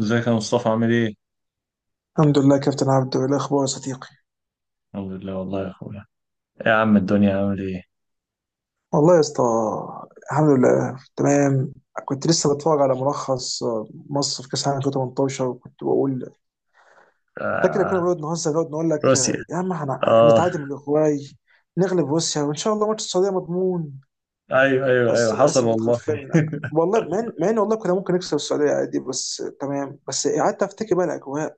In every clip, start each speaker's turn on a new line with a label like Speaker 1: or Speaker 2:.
Speaker 1: ازيك يا مصطفى؟ عامل ايه؟
Speaker 2: الحمد لله كابتن عبدو، ايه الاخبار يا صديقي؟
Speaker 1: الحمد لله والله يا اخويا. إيه يا عم الدنيا عامل ايه؟
Speaker 2: والله يا اسطى، الحمد لله تمام. كنت لسه بتفرج على ملخص مصر في كاس العالم 2018، وكنت بقول، فاكر كنا
Speaker 1: آه.
Speaker 2: بنقعد نهزر، نقعد نقول لك
Speaker 1: روسيا.
Speaker 2: يا عم
Speaker 1: اه.
Speaker 2: نتعادل من الاوروغواي، نغلب روسيا، وان شاء الله ماتش السعوديه مضمون.
Speaker 1: ايوه ايوه ايوه،
Speaker 2: بس
Speaker 1: حصل
Speaker 2: للاسف
Speaker 1: والله.
Speaker 2: اتغفلنا، والله مع ان والله كنا ممكن نكسب السعوديه عادي. بس تمام، بس قعدت افتكر بقى الاجواء،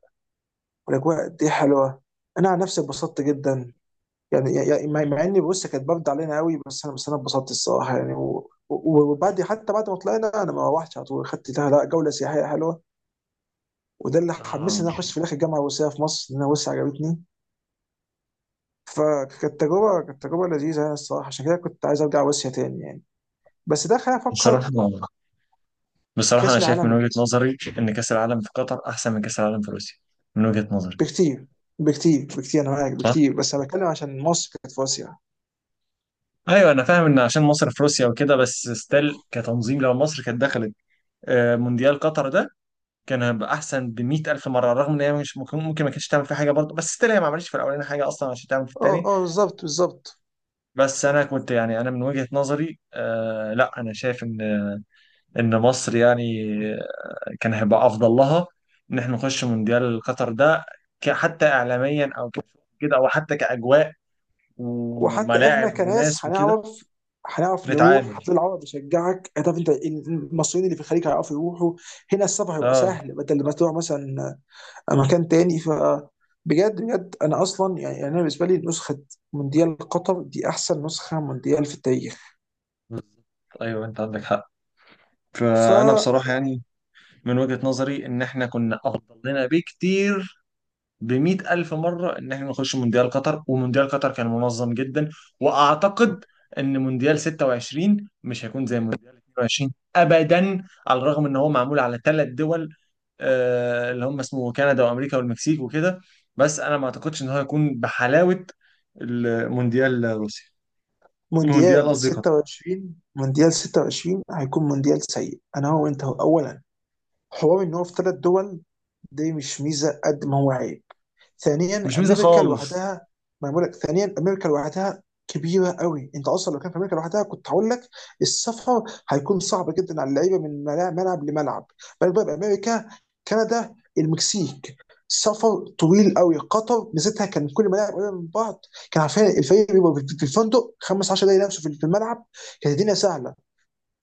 Speaker 2: والاجواء دي حلوه. انا عن نفسي اتبسطت جدا، يعني مع اني، بص، كانت بارده علينا قوي، بس انا اتبسطت الصراحه، يعني وبعد، حتى بعد ما طلعنا انا ما روحتش على طول، خدت لها لا جوله سياحيه حلوه. وده اللي حمسني
Speaker 1: آه.
Speaker 2: ان انا اخش في الاخر الجامعه الروسيه في مصر، لان انا روسيا عجبتني. فكانت تجربه، كانت تجربه لذيذه يعني الصراحه، عشان كده كنت عايز ارجع روسيا تاني يعني. بس ده خلاني افكر.
Speaker 1: بصراحة بصراحة انا
Speaker 2: كاس
Speaker 1: شايف
Speaker 2: العالم
Speaker 1: من
Speaker 2: اللي
Speaker 1: وجهة نظري ان كأس العالم في قطر احسن من كأس العالم في روسيا، من وجهة نظري.
Speaker 2: بكتير، بكتير، انا معاك
Speaker 1: صح؟
Speaker 2: بكتير، بس انا بتكلم عشان مصر كانت في اسيا.
Speaker 1: ايوه، انا فاهم ان عشان مصر في روسيا وكده، بس ستيل كتنظيم لو مصر كانت دخلت آه مونديال قطر ده، كان هيبقى احسن ب 100,000 مره. رغم ان هي مش ممكن ما كانتش تعمل فيه حاجه برضه، بس ستيل هي ما عملتش في الاولاني حاجه اصلا عشان تعمل في
Speaker 2: اه
Speaker 1: الثاني.
Speaker 2: اه، بالظبط بالظبط.
Speaker 1: بس انا كنت، يعني انا من وجهة نظري آه، لا انا شايف ان مصر يعني كان هيبقى افضل لها ان احنا نخش مونديال قطر ده، حتى اعلاميا او كده، او حتى كاجواء
Speaker 2: وحتى
Speaker 1: وملاعب
Speaker 2: احنا
Speaker 1: وناس
Speaker 2: كناس
Speaker 1: وكده.
Speaker 2: هنعرف، نروح
Speaker 1: نتعامل.
Speaker 2: هتلاقي العرب بيشجعك، هتعرف انت المصريين اللي في الخليج هيعرفوا يروحوا، هنا السفر هيبقى
Speaker 1: اه
Speaker 2: سهل بدل ما تروح مثلا مكان تاني. ف بجد، انا اصلا، يعني انا بالنسبه لي نسخه مونديال قطر دي احسن نسخه مونديال في التاريخ.
Speaker 1: بالظبط. ايوه انت عندك حق. فانا بصراحة يعني من وجهة نظري ان احنا كنا افضل لنا بكتير، بمئة ألف مرة، إن إحنا نخش مونديال قطر. ومونديال قطر كان منظم جدا. وأعتقد إن مونديال 26 مش هيكون زي مونديال 22 أبدا، على الرغم إن هو معمول على ثلاث دول، آه، اللي هم اسمه كندا وأمريكا والمكسيك وكده. بس أنا ما أعتقدش إن هو هيكون بحلاوة المونديال روسيا. مونديال،
Speaker 2: فمونديال
Speaker 1: قصدي قطر.
Speaker 2: 26، مونديال 26 هيكون مونديال سيء. انا هو وانت هو، اولا حوار ان هو في ثلاث دول، دي مش ميزه قد ما هو عيب.
Speaker 1: مش
Speaker 2: ثانيا،
Speaker 1: ميزة
Speaker 2: امريكا
Speaker 1: خالص.
Speaker 2: لوحدها، ما أنا بقول لك ثانيا امريكا لوحدها كبيره قوي. انت اصلا لو كان في امريكا لوحدها كنت هقول لك السفر هيكون صعب جدا على اللعيبه من ملعب لملعب، بالك بقى بامريكا، كندا، المكسيك، سفر طويل قوي. قطر ميزتها كان كل الملاعب قريبه من بعض، كان عارفين الفريق بيبقى في الفندق 15 دقيقه نفسه في الملعب، كانت الدنيا سهله.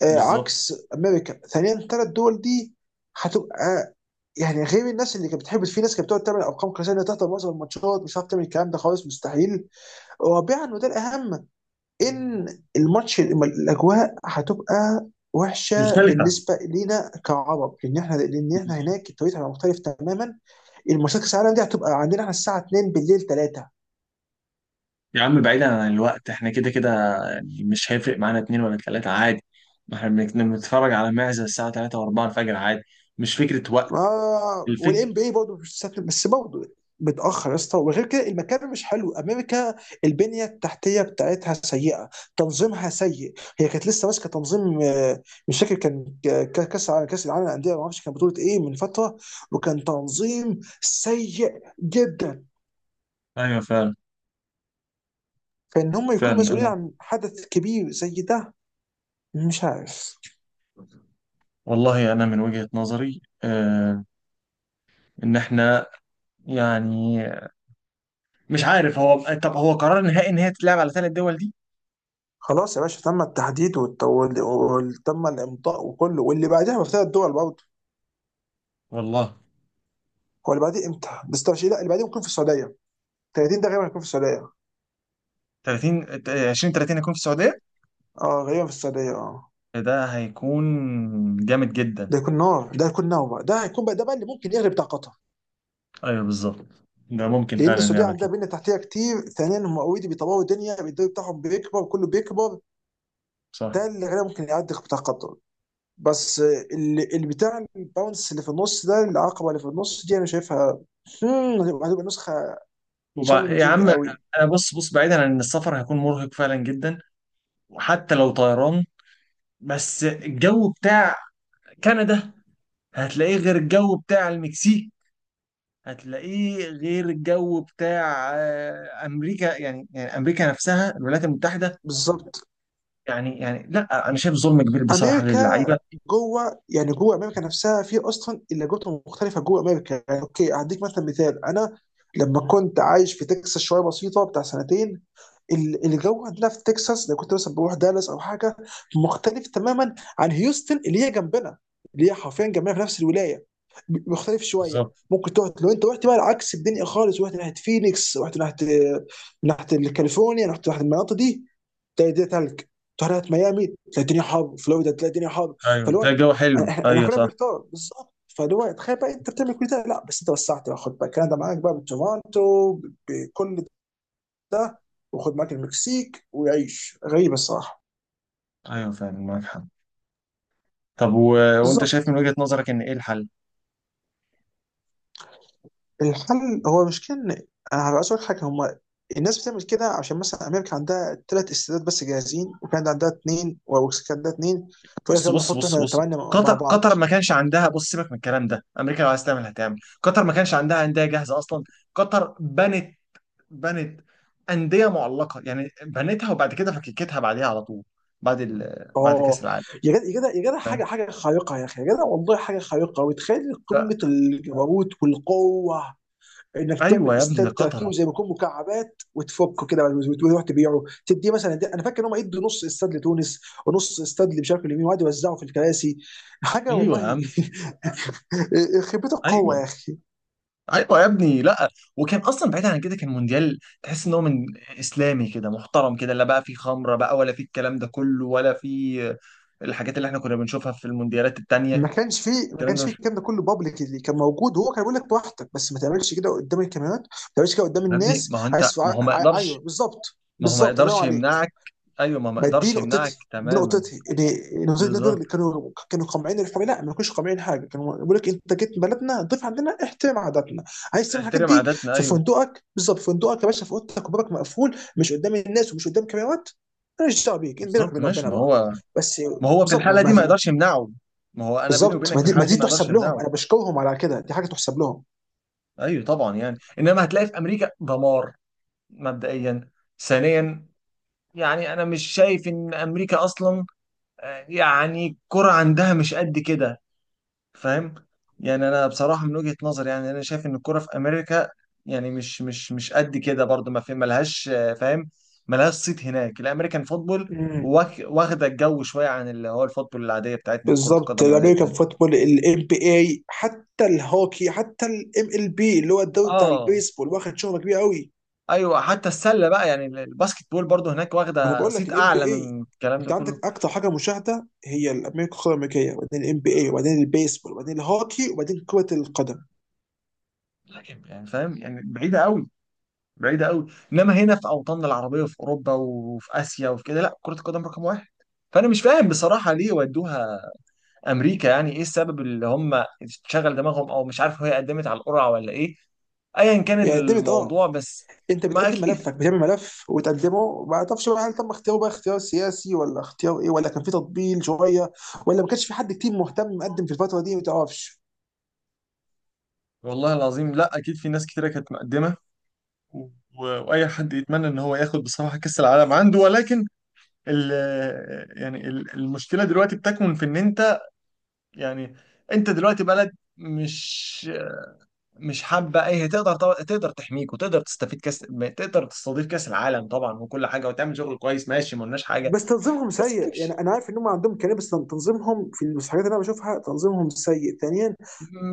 Speaker 1: بالظبط.
Speaker 2: عكس امريكا. ثانيا الثلاث دول دي هتبقى، يعني غير الناس اللي كانت بتحب، في ناس كانت بتقعد تعمل ارقام قياسيه انها تحضر معظم الماتشات مش هتعرف تعمل الكلام ده خالص، مستحيل. رابعا وده الاهم، ان الماتش، الاجواء هتبقى وحشه
Speaker 1: مختلفة.
Speaker 2: بالنسبه لينا كعرب، لان احنا، لان احنا هناك التوقيت هيبقى مختلف تماما. الماتشات كاس العالم دي هتبقى عندنا احنا الساعه 2 بالليل 3،
Speaker 1: يا عم بعيدا عن الوقت احنا كده كده، يعني مش هيفرق معانا اتنين ولا تلاتة عادي. ما احنا بنتفرج على معزة الساعة تلاتة وأربعة الفجر عادي. مش فكرة وقت.
Speaker 2: ما والان
Speaker 1: الفكر.
Speaker 2: بي برضه مش سهل، بس برضه متاخر يا اسطى. وغير كده المكان مش حلو، امريكا البنيه التحتيه بتاعتها سيئه، تنظيمها سيء، هي كانت لسه ماسكه تنظيم، مش فاكر كان كاس العالم، كاس العالم للانديه، ما اعرفش كان بطوله ايه من فتره، وكان تنظيم سيء جدا.
Speaker 1: أيوة فعلا.
Speaker 2: فان هم يكونوا
Speaker 1: فعلا
Speaker 2: مسؤولين
Speaker 1: أنا،
Speaker 2: عن حدث كبير زي ده، مش عارف.
Speaker 1: والله أنا من وجهة نظري آه إن احنا يعني، مش عارف هو، طب هو قرار نهائي إن هي تتلعب على ثلاث دول دي؟
Speaker 2: خلاص يا باشا، تم التحديد وتم الامضاء وكله، واللي بعدها في ثلاث دول برضه.
Speaker 1: والله.
Speaker 2: هو اللي بعديه امتى؟ ده 26. لا، اللي بعديه ممكن في السعوديه. 30 ده غالبا هيكون في السعوديه.
Speaker 1: 30، 20 30 هيكون في السعودية.
Speaker 2: اه، غالبا في السعوديه اه.
Speaker 1: ده هيكون جامد جدا.
Speaker 2: ده هيكون نار، ده هيكون نار بقى، ده هيكون بقى، ده بقى اللي ممكن يغلب بتاع قطر،
Speaker 1: أيوة بالظبط، ده ممكن
Speaker 2: لان
Speaker 1: فعلا
Speaker 2: السعوديه
Speaker 1: نعمل
Speaker 2: عندها
Speaker 1: كده.
Speaker 2: بنيه تحتيه كتير. ثانيا هم اوريدي بيطوروا الدنيا، الدوري بتاعهم بيكبر، كله بيكبر.
Speaker 1: صح.
Speaker 2: ده اللي غالبا ممكن يعدي بتاع قطر. بس اللي بتاع الباونس اللي في النص ده، العقبه اللي في النص دي انا شايفها. هتبقى نسخه
Speaker 1: يا
Speaker 2: تشالنجينج
Speaker 1: عم
Speaker 2: قوي.
Speaker 1: انا بص بعيدا عن ان السفر هيكون مرهق فعلا جدا، وحتى لو طيران. بس الجو بتاع كندا هتلاقيه غير الجو بتاع المكسيك، هتلاقيه غير الجو بتاع آه، امريكا. يعني يعني امريكا نفسها، الولايات المتحده.
Speaker 2: بالظبط.
Speaker 1: يعني يعني لا انا شايف ظلم كبير بصراحه
Speaker 2: امريكا
Speaker 1: للعيبه.
Speaker 2: جوه، يعني جوه امريكا نفسها في اصلا اللهجات مختلفه جوه امريكا. يعني اوكي، هديك مثلا مثال، انا لما كنت عايش في تكساس شويه بسيطه بتاع سنتين، الجو عندنا في تكساس، لو كنت مثلا بروح دالاس او حاجه، مختلف تماما عن هيوستن اللي هي جنبنا، اللي هي حرفيا جنبنا في نفس الولايه، مختلف شويه.
Speaker 1: بالظبط.
Speaker 2: ممكن تروح لو انت رحت بقى العكس الدنيا خالص، رحت ناحيه فينيكس، رحت ناحيه، كاليفورنيا، رحت ناحيه المناطق دي، تلاقي الدنيا تلج. تروح ناحيه ميامي تلاقي الدنيا حر، فلوريدا تلاقي الدنيا حر.
Speaker 1: ايوه
Speaker 2: فاللي
Speaker 1: ده
Speaker 2: هو
Speaker 1: جو حلو.
Speaker 2: احنا
Speaker 1: ايوه
Speaker 2: كلنا
Speaker 1: صح.
Speaker 2: بنحتار بالظبط. فاللي هو تخيل بقى انت بتعمل كل ده، لا بس انت وسعت بقى، خد بقى كندا معاك بقى بتورونتو بكل ده، وخد معاك المكسيك، ويعيش، غريبه الصراحه.
Speaker 1: ايوه فعلا معاك حق. طب و... وانت شايف
Speaker 2: بالظبط.
Speaker 1: من وجهة نظرك ان ايه الحل؟
Speaker 2: الحل هو مش كان، انا هبقى اسالك حاجه، هم الناس بتعمل كده عشان مثلا امريكا عندها ثلاث استادات بس جاهزين، وكندا عندها اثنين، فيقول لك
Speaker 1: بص
Speaker 2: يلا
Speaker 1: بص
Speaker 2: نحط
Speaker 1: بص
Speaker 2: احنا
Speaker 1: بص.
Speaker 2: ثمانيه مع
Speaker 1: قطر
Speaker 2: بعض.
Speaker 1: قطر ما كانش عندها، بص سيبك من الكلام ده، امريكا لو عايز تعمل هتعمل. قطر ما كانش عندها انديه جاهزه اصلا. قطر بنت، بنت انديه معلقه، يعني بنتها وبعد كده فككتها بعديها على طول، بعد بعد
Speaker 2: اه.
Speaker 1: كاس العالم.
Speaker 2: يا جدع يا جدع،
Speaker 1: فاهم.
Speaker 2: حاجه خارقه يا اخي، يا جدع والله حاجه خارقه. وتخيل قمه
Speaker 1: ف-
Speaker 2: الجبروت والقوه انك تعمل
Speaker 1: ايوه يا ابني
Speaker 2: استاد
Speaker 1: ده
Speaker 2: تركيبه
Speaker 1: قطر.
Speaker 2: زي ما يكون مكعبات وتفكه كده، وتروح تبيعه تديه مثلا. دي انا فاكر ان هم يدوا نص استاد لتونس، ونص استاد اللي مش عارف اليمين، وقعدوا يوزعوا في الكراسي. حاجه
Speaker 1: ايوه يا
Speaker 2: والله.
Speaker 1: عم.
Speaker 2: خيبه القوه
Speaker 1: ايوه.
Speaker 2: يا اخي.
Speaker 1: ايوه يا ابني، لا. وكان اصلا بعيد عن كده، كان مونديال تحس ان هو من اسلامي كده، محترم كده، لا بقى فيه خمره بقى ولا فيه الكلام ده كله، ولا فيه الحاجات اللي احنا كنا بنشوفها في المونديالات التانية.
Speaker 2: ما كانش فيه ما
Speaker 1: الكلام ده
Speaker 2: كانش فيه
Speaker 1: مش،
Speaker 2: الكلام ده كله بابليك، اللي كان موجود هو كان بيقول لك براحتك، بس ما تعملش كده قدام الكاميرات، ما تعملش كده قدام
Speaker 1: يا ابني
Speaker 2: الناس.
Speaker 1: ما هو انت،
Speaker 2: عايز
Speaker 1: ما هو ما
Speaker 2: ايوه
Speaker 1: يقدرش،
Speaker 2: بالظبط،
Speaker 1: ما هو ما
Speaker 2: بالظبط، الله ينور
Speaker 1: يقدرش
Speaker 2: عليك.
Speaker 1: يمنعك. ايوه ما هو ما
Speaker 2: ما دي
Speaker 1: يقدرش يمنعك
Speaker 2: نقطتي، دي
Speaker 1: تماما.
Speaker 2: نقطتي، ان نقطتي، الناس
Speaker 1: بالظبط.
Speaker 2: كانوا قامعين الحريه. لا ما كانوش قامعين حاجه، كانوا بيقول لك انت جيت بلدنا ضيف عندنا احترم عاداتنا. عايز تعمل الحاجات
Speaker 1: احترم
Speaker 2: دي
Speaker 1: عاداتنا،
Speaker 2: في
Speaker 1: ايوه.
Speaker 2: فندقك، بالظبط في فندقك يا باشا، في اوضتك وبابك مقفول، مش قدام الناس ومش قدام كاميرات. ماليش دعوه بيك، انت بينك
Speaker 1: بالظبط.
Speaker 2: وبين
Speaker 1: ماشي،
Speaker 2: ربنا
Speaker 1: ما
Speaker 2: بقى.
Speaker 1: هو
Speaker 2: بس
Speaker 1: ما هو في
Speaker 2: بالظبط،
Speaker 1: الحاله دي ما يقدرش يمنعه. ما هو انا بيني
Speaker 2: بالظبط.
Speaker 1: وبينك
Speaker 2: ما
Speaker 1: في
Speaker 2: دي ما
Speaker 1: الحاله
Speaker 2: دي
Speaker 1: دي ما اقدرش
Speaker 2: تحسب لهم،
Speaker 1: امنعه.
Speaker 2: انا بشكرهم على كده، دي حاجه تحسب لهم.
Speaker 1: ايوه طبعا. يعني انما هتلاقي في امريكا دمار، مبدئيا. ثانيا، يعني انا مش شايف ان امريكا اصلا آه، يعني الكرة عندها مش قد كده. فاهم. يعني انا بصراحه من وجهه نظري، يعني انا شايف ان الكوره في امريكا يعني مش قد كده برضو. ما في، ملهاش آه، فاهم، ملهاش صيت هناك. الامريكان فوتبول
Speaker 2: مم.
Speaker 1: واخده الجو شويه عن اللي هو الفوتبول العاديه بتاعتنا، كره
Speaker 2: بالظبط.
Speaker 1: القدم العاديه
Speaker 2: الامريكان
Speaker 1: بتاعتنا.
Speaker 2: فوتبول، الام بي اي، حتى الهوكي، حتى الام ال بي اللي هو الدوري بتاع
Speaker 1: اه.
Speaker 2: البيسبول، واخد شهره كبيره قوي.
Speaker 1: ايوه حتى السله بقى، يعني الباسكت بول برضو هناك
Speaker 2: ما انا
Speaker 1: واخده
Speaker 2: بقول لك
Speaker 1: صيت
Speaker 2: الام بي
Speaker 1: اعلى
Speaker 2: اي،
Speaker 1: من الكلام ده
Speaker 2: انت عندك
Speaker 1: كله.
Speaker 2: اكتر حاجه مشاهده هي الامريكان، القاره الامريكيه، وبعدين الام بي اي، وبعدين البيسبول، وبعدين الهوكي، وبعدين كره القدم.
Speaker 1: لكن يعني فاهم، يعني بعيده قوي، بعيده قوي. انما هنا في اوطاننا العربيه، وفي اوروبا، وفي اسيا، وفي كده، لا كره القدم رقم واحد. فانا مش فاهم بصراحه ليه ودوها امريكا، يعني ايه السبب اللي هم شغل دماغهم؟ او مش عارف هي قدمت على القرعه ولا ايه. ايا كان
Speaker 2: يعني دمت اه،
Speaker 1: الموضوع. بس
Speaker 2: انت
Speaker 1: ما
Speaker 2: بتقدم
Speaker 1: اكيد.
Speaker 2: ملفك، بتعمل ملف وتقدمه، ما تعرفش بقى هل تم اختياره بقى اختيار سياسي ولا اختيار ايه، ولا كان في تطبيل شويه، ولا ما كانش في حد كتير مهتم مقدم في الفتره دي، ما تعرفش.
Speaker 1: والله العظيم لا، اكيد في ناس كتيره كانت مقدمه، و... واي حد يتمنى ان هو ياخد بصراحه كاس العالم عنده. ولكن ال... يعني المشكله دلوقتي بتكمن في ان انت يعني، انت دلوقتي بلد مش حابه. اي هي تقدر طبعا، تقدر تحميك وتقدر تستفيد كاس، تقدر تستضيف كاس العالم طبعا، وكل حاجه وتعمل شغل كويس، ماشي ما قلناش حاجه.
Speaker 2: بس تنظيمهم
Speaker 1: بس
Speaker 2: سيء،
Speaker 1: انت مش،
Speaker 2: يعني انا عارف ان هم عندهم كلام، بس تنظيمهم في الحاجات اللي انا بشوفها تنظيمهم سيء. ثانيا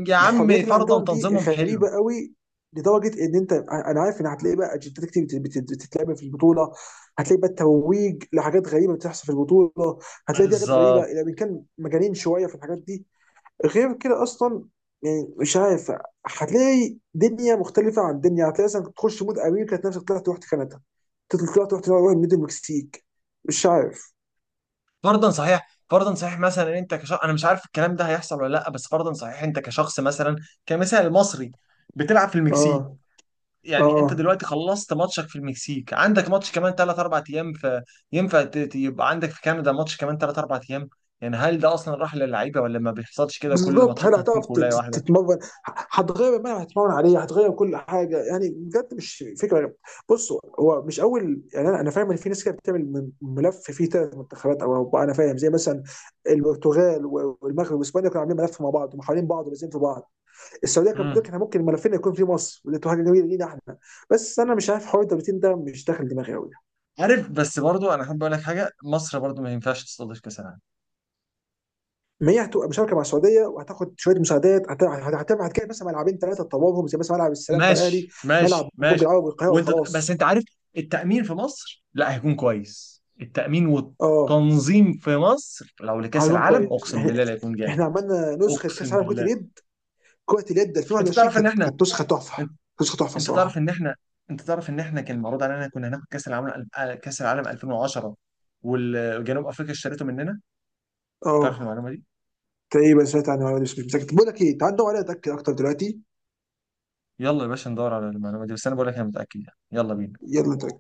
Speaker 1: يا
Speaker 2: الحريات
Speaker 1: عم
Speaker 2: اللي
Speaker 1: فرضا
Speaker 2: عندهم دي
Speaker 1: تنظيمهم حلو.
Speaker 2: غريبه قوي، لدرجه ان انت، انا عارف ان هتلاقي بقى اجندات كتير بتتلعب في البطوله، هتلاقي بقى الترويج لحاجات غريبه بتحصل في البطوله، هتلاقي في حاجات غريبه.
Speaker 1: بالظبط.
Speaker 2: اذا كان مجانين شويه في الحاجات دي، غير كده اصلا، يعني مش عارف. هتلاقي دنيا مختلفه عن دنيا، هتلاقي مثلا تخش مود امريكا تلاقي نفسك طلعت رحت كندا، تطلع طلعت رحت، مود المكسيك. مش عارف.
Speaker 1: فرضا صحيح، فرضا صحيح، مثلا إن انت كشخص، انا مش عارف الكلام ده هيحصل ولا لا، بس فرضا صحيح، انت كشخص مثلا كمثال مصري بتلعب في المكسيك.
Speaker 2: اه اه،
Speaker 1: يعني انت دلوقتي خلصت ماتشك في المكسيك، عندك ماتش كمان 3 4 ايام في، ينفع يبقى عندك في كندا ماتش كمان 3 4 ايام؟ يعني هل ده اصلا راح للعيبه؟ ولا ما بيحصلش كده وكل
Speaker 2: بالظبط. هل
Speaker 1: ماتشاتنا هتكون
Speaker 2: هتعرف
Speaker 1: في ولايه واحده؟
Speaker 2: تتمرن، هتغير الملعب، هتتمرن عليه، هتغير كل حاجه؟ يعني بجد مش فكره. بصوا، هو مش اول، يعني انا، فاهم ان في ناس كده بتعمل ملف فيه ثلاث منتخبات او اربعه. انا فاهم، زي مثلا البرتغال والمغرب واسبانيا كانوا عاملين ملف مع بعض، ومحاولين بعض، ولازم في بعض. السعوديه كانت بتقول
Speaker 1: امم.
Speaker 2: احنا ممكن ملفنا يكون في مصر، ودي تبقى حاجه جميله لينا احنا. بس انا مش عارف حوار الدولتين ده مش داخل دماغي قوي.
Speaker 1: عارف، بس برضو انا احب اقول لك حاجه، مصر برضو ما ينفعش تستضيف كاس العالم.
Speaker 2: ما هي هتبقى مشاركه مع السعوديه، وهتاخد شويه مساعدات، هتبقى هتجيب مثلا ملعبين ثلاثه تطورهم، زي مثلا ملعب السلام بتاع الاهلي،
Speaker 1: ماشي
Speaker 2: ملعب
Speaker 1: ماشي
Speaker 2: برج
Speaker 1: ماشي.
Speaker 2: العرب والقاهره
Speaker 1: وانت بس
Speaker 2: وخلاص.
Speaker 1: انت عارف، التأمين في مصر لا هيكون كويس، التأمين
Speaker 2: اه،
Speaker 1: والتنظيم في مصر لو لكأس
Speaker 2: هيكون
Speaker 1: العالم
Speaker 2: كويس.
Speaker 1: اقسم بالله لا هيكون جامد.
Speaker 2: احنا عملنا نسخه كاس
Speaker 1: اقسم
Speaker 2: عالم كره
Speaker 1: بالله.
Speaker 2: اليد،
Speaker 1: انت
Speaker 2: 2021
Speaker 1: تعرف ان
Speaker 2: كانت،
Speaker 1: احنا،
Speaker 2: نسخه تحفه،
Speaker 1: انت،
Speaker 2: نسخه تحفه
Speaker 1: انت تعرف
Speaker 2: الصراحه.
Speaker 1: ان احنا، انت تعرف ان احنا كان معروض علينا، كنا هناخد كأس العالم، كأس العالم 2010 والجنوب افريقيا اشترته مننا. تعرف
Speaker 2: اه،
Speaker 1: المعلومة دي؟
Speaker 2: تقريبا سمعت عنها ولا مش متاكد. بقول لك ايه، تعال ندور عليها اتاكد اكتر دلوقتي.
Speaker 1: يلا يا باشا ندور على المعلومة دي، بس انا بقول لك انا متأكد يعني، يلا بينا.
Speaker 2: يلا نتأكد.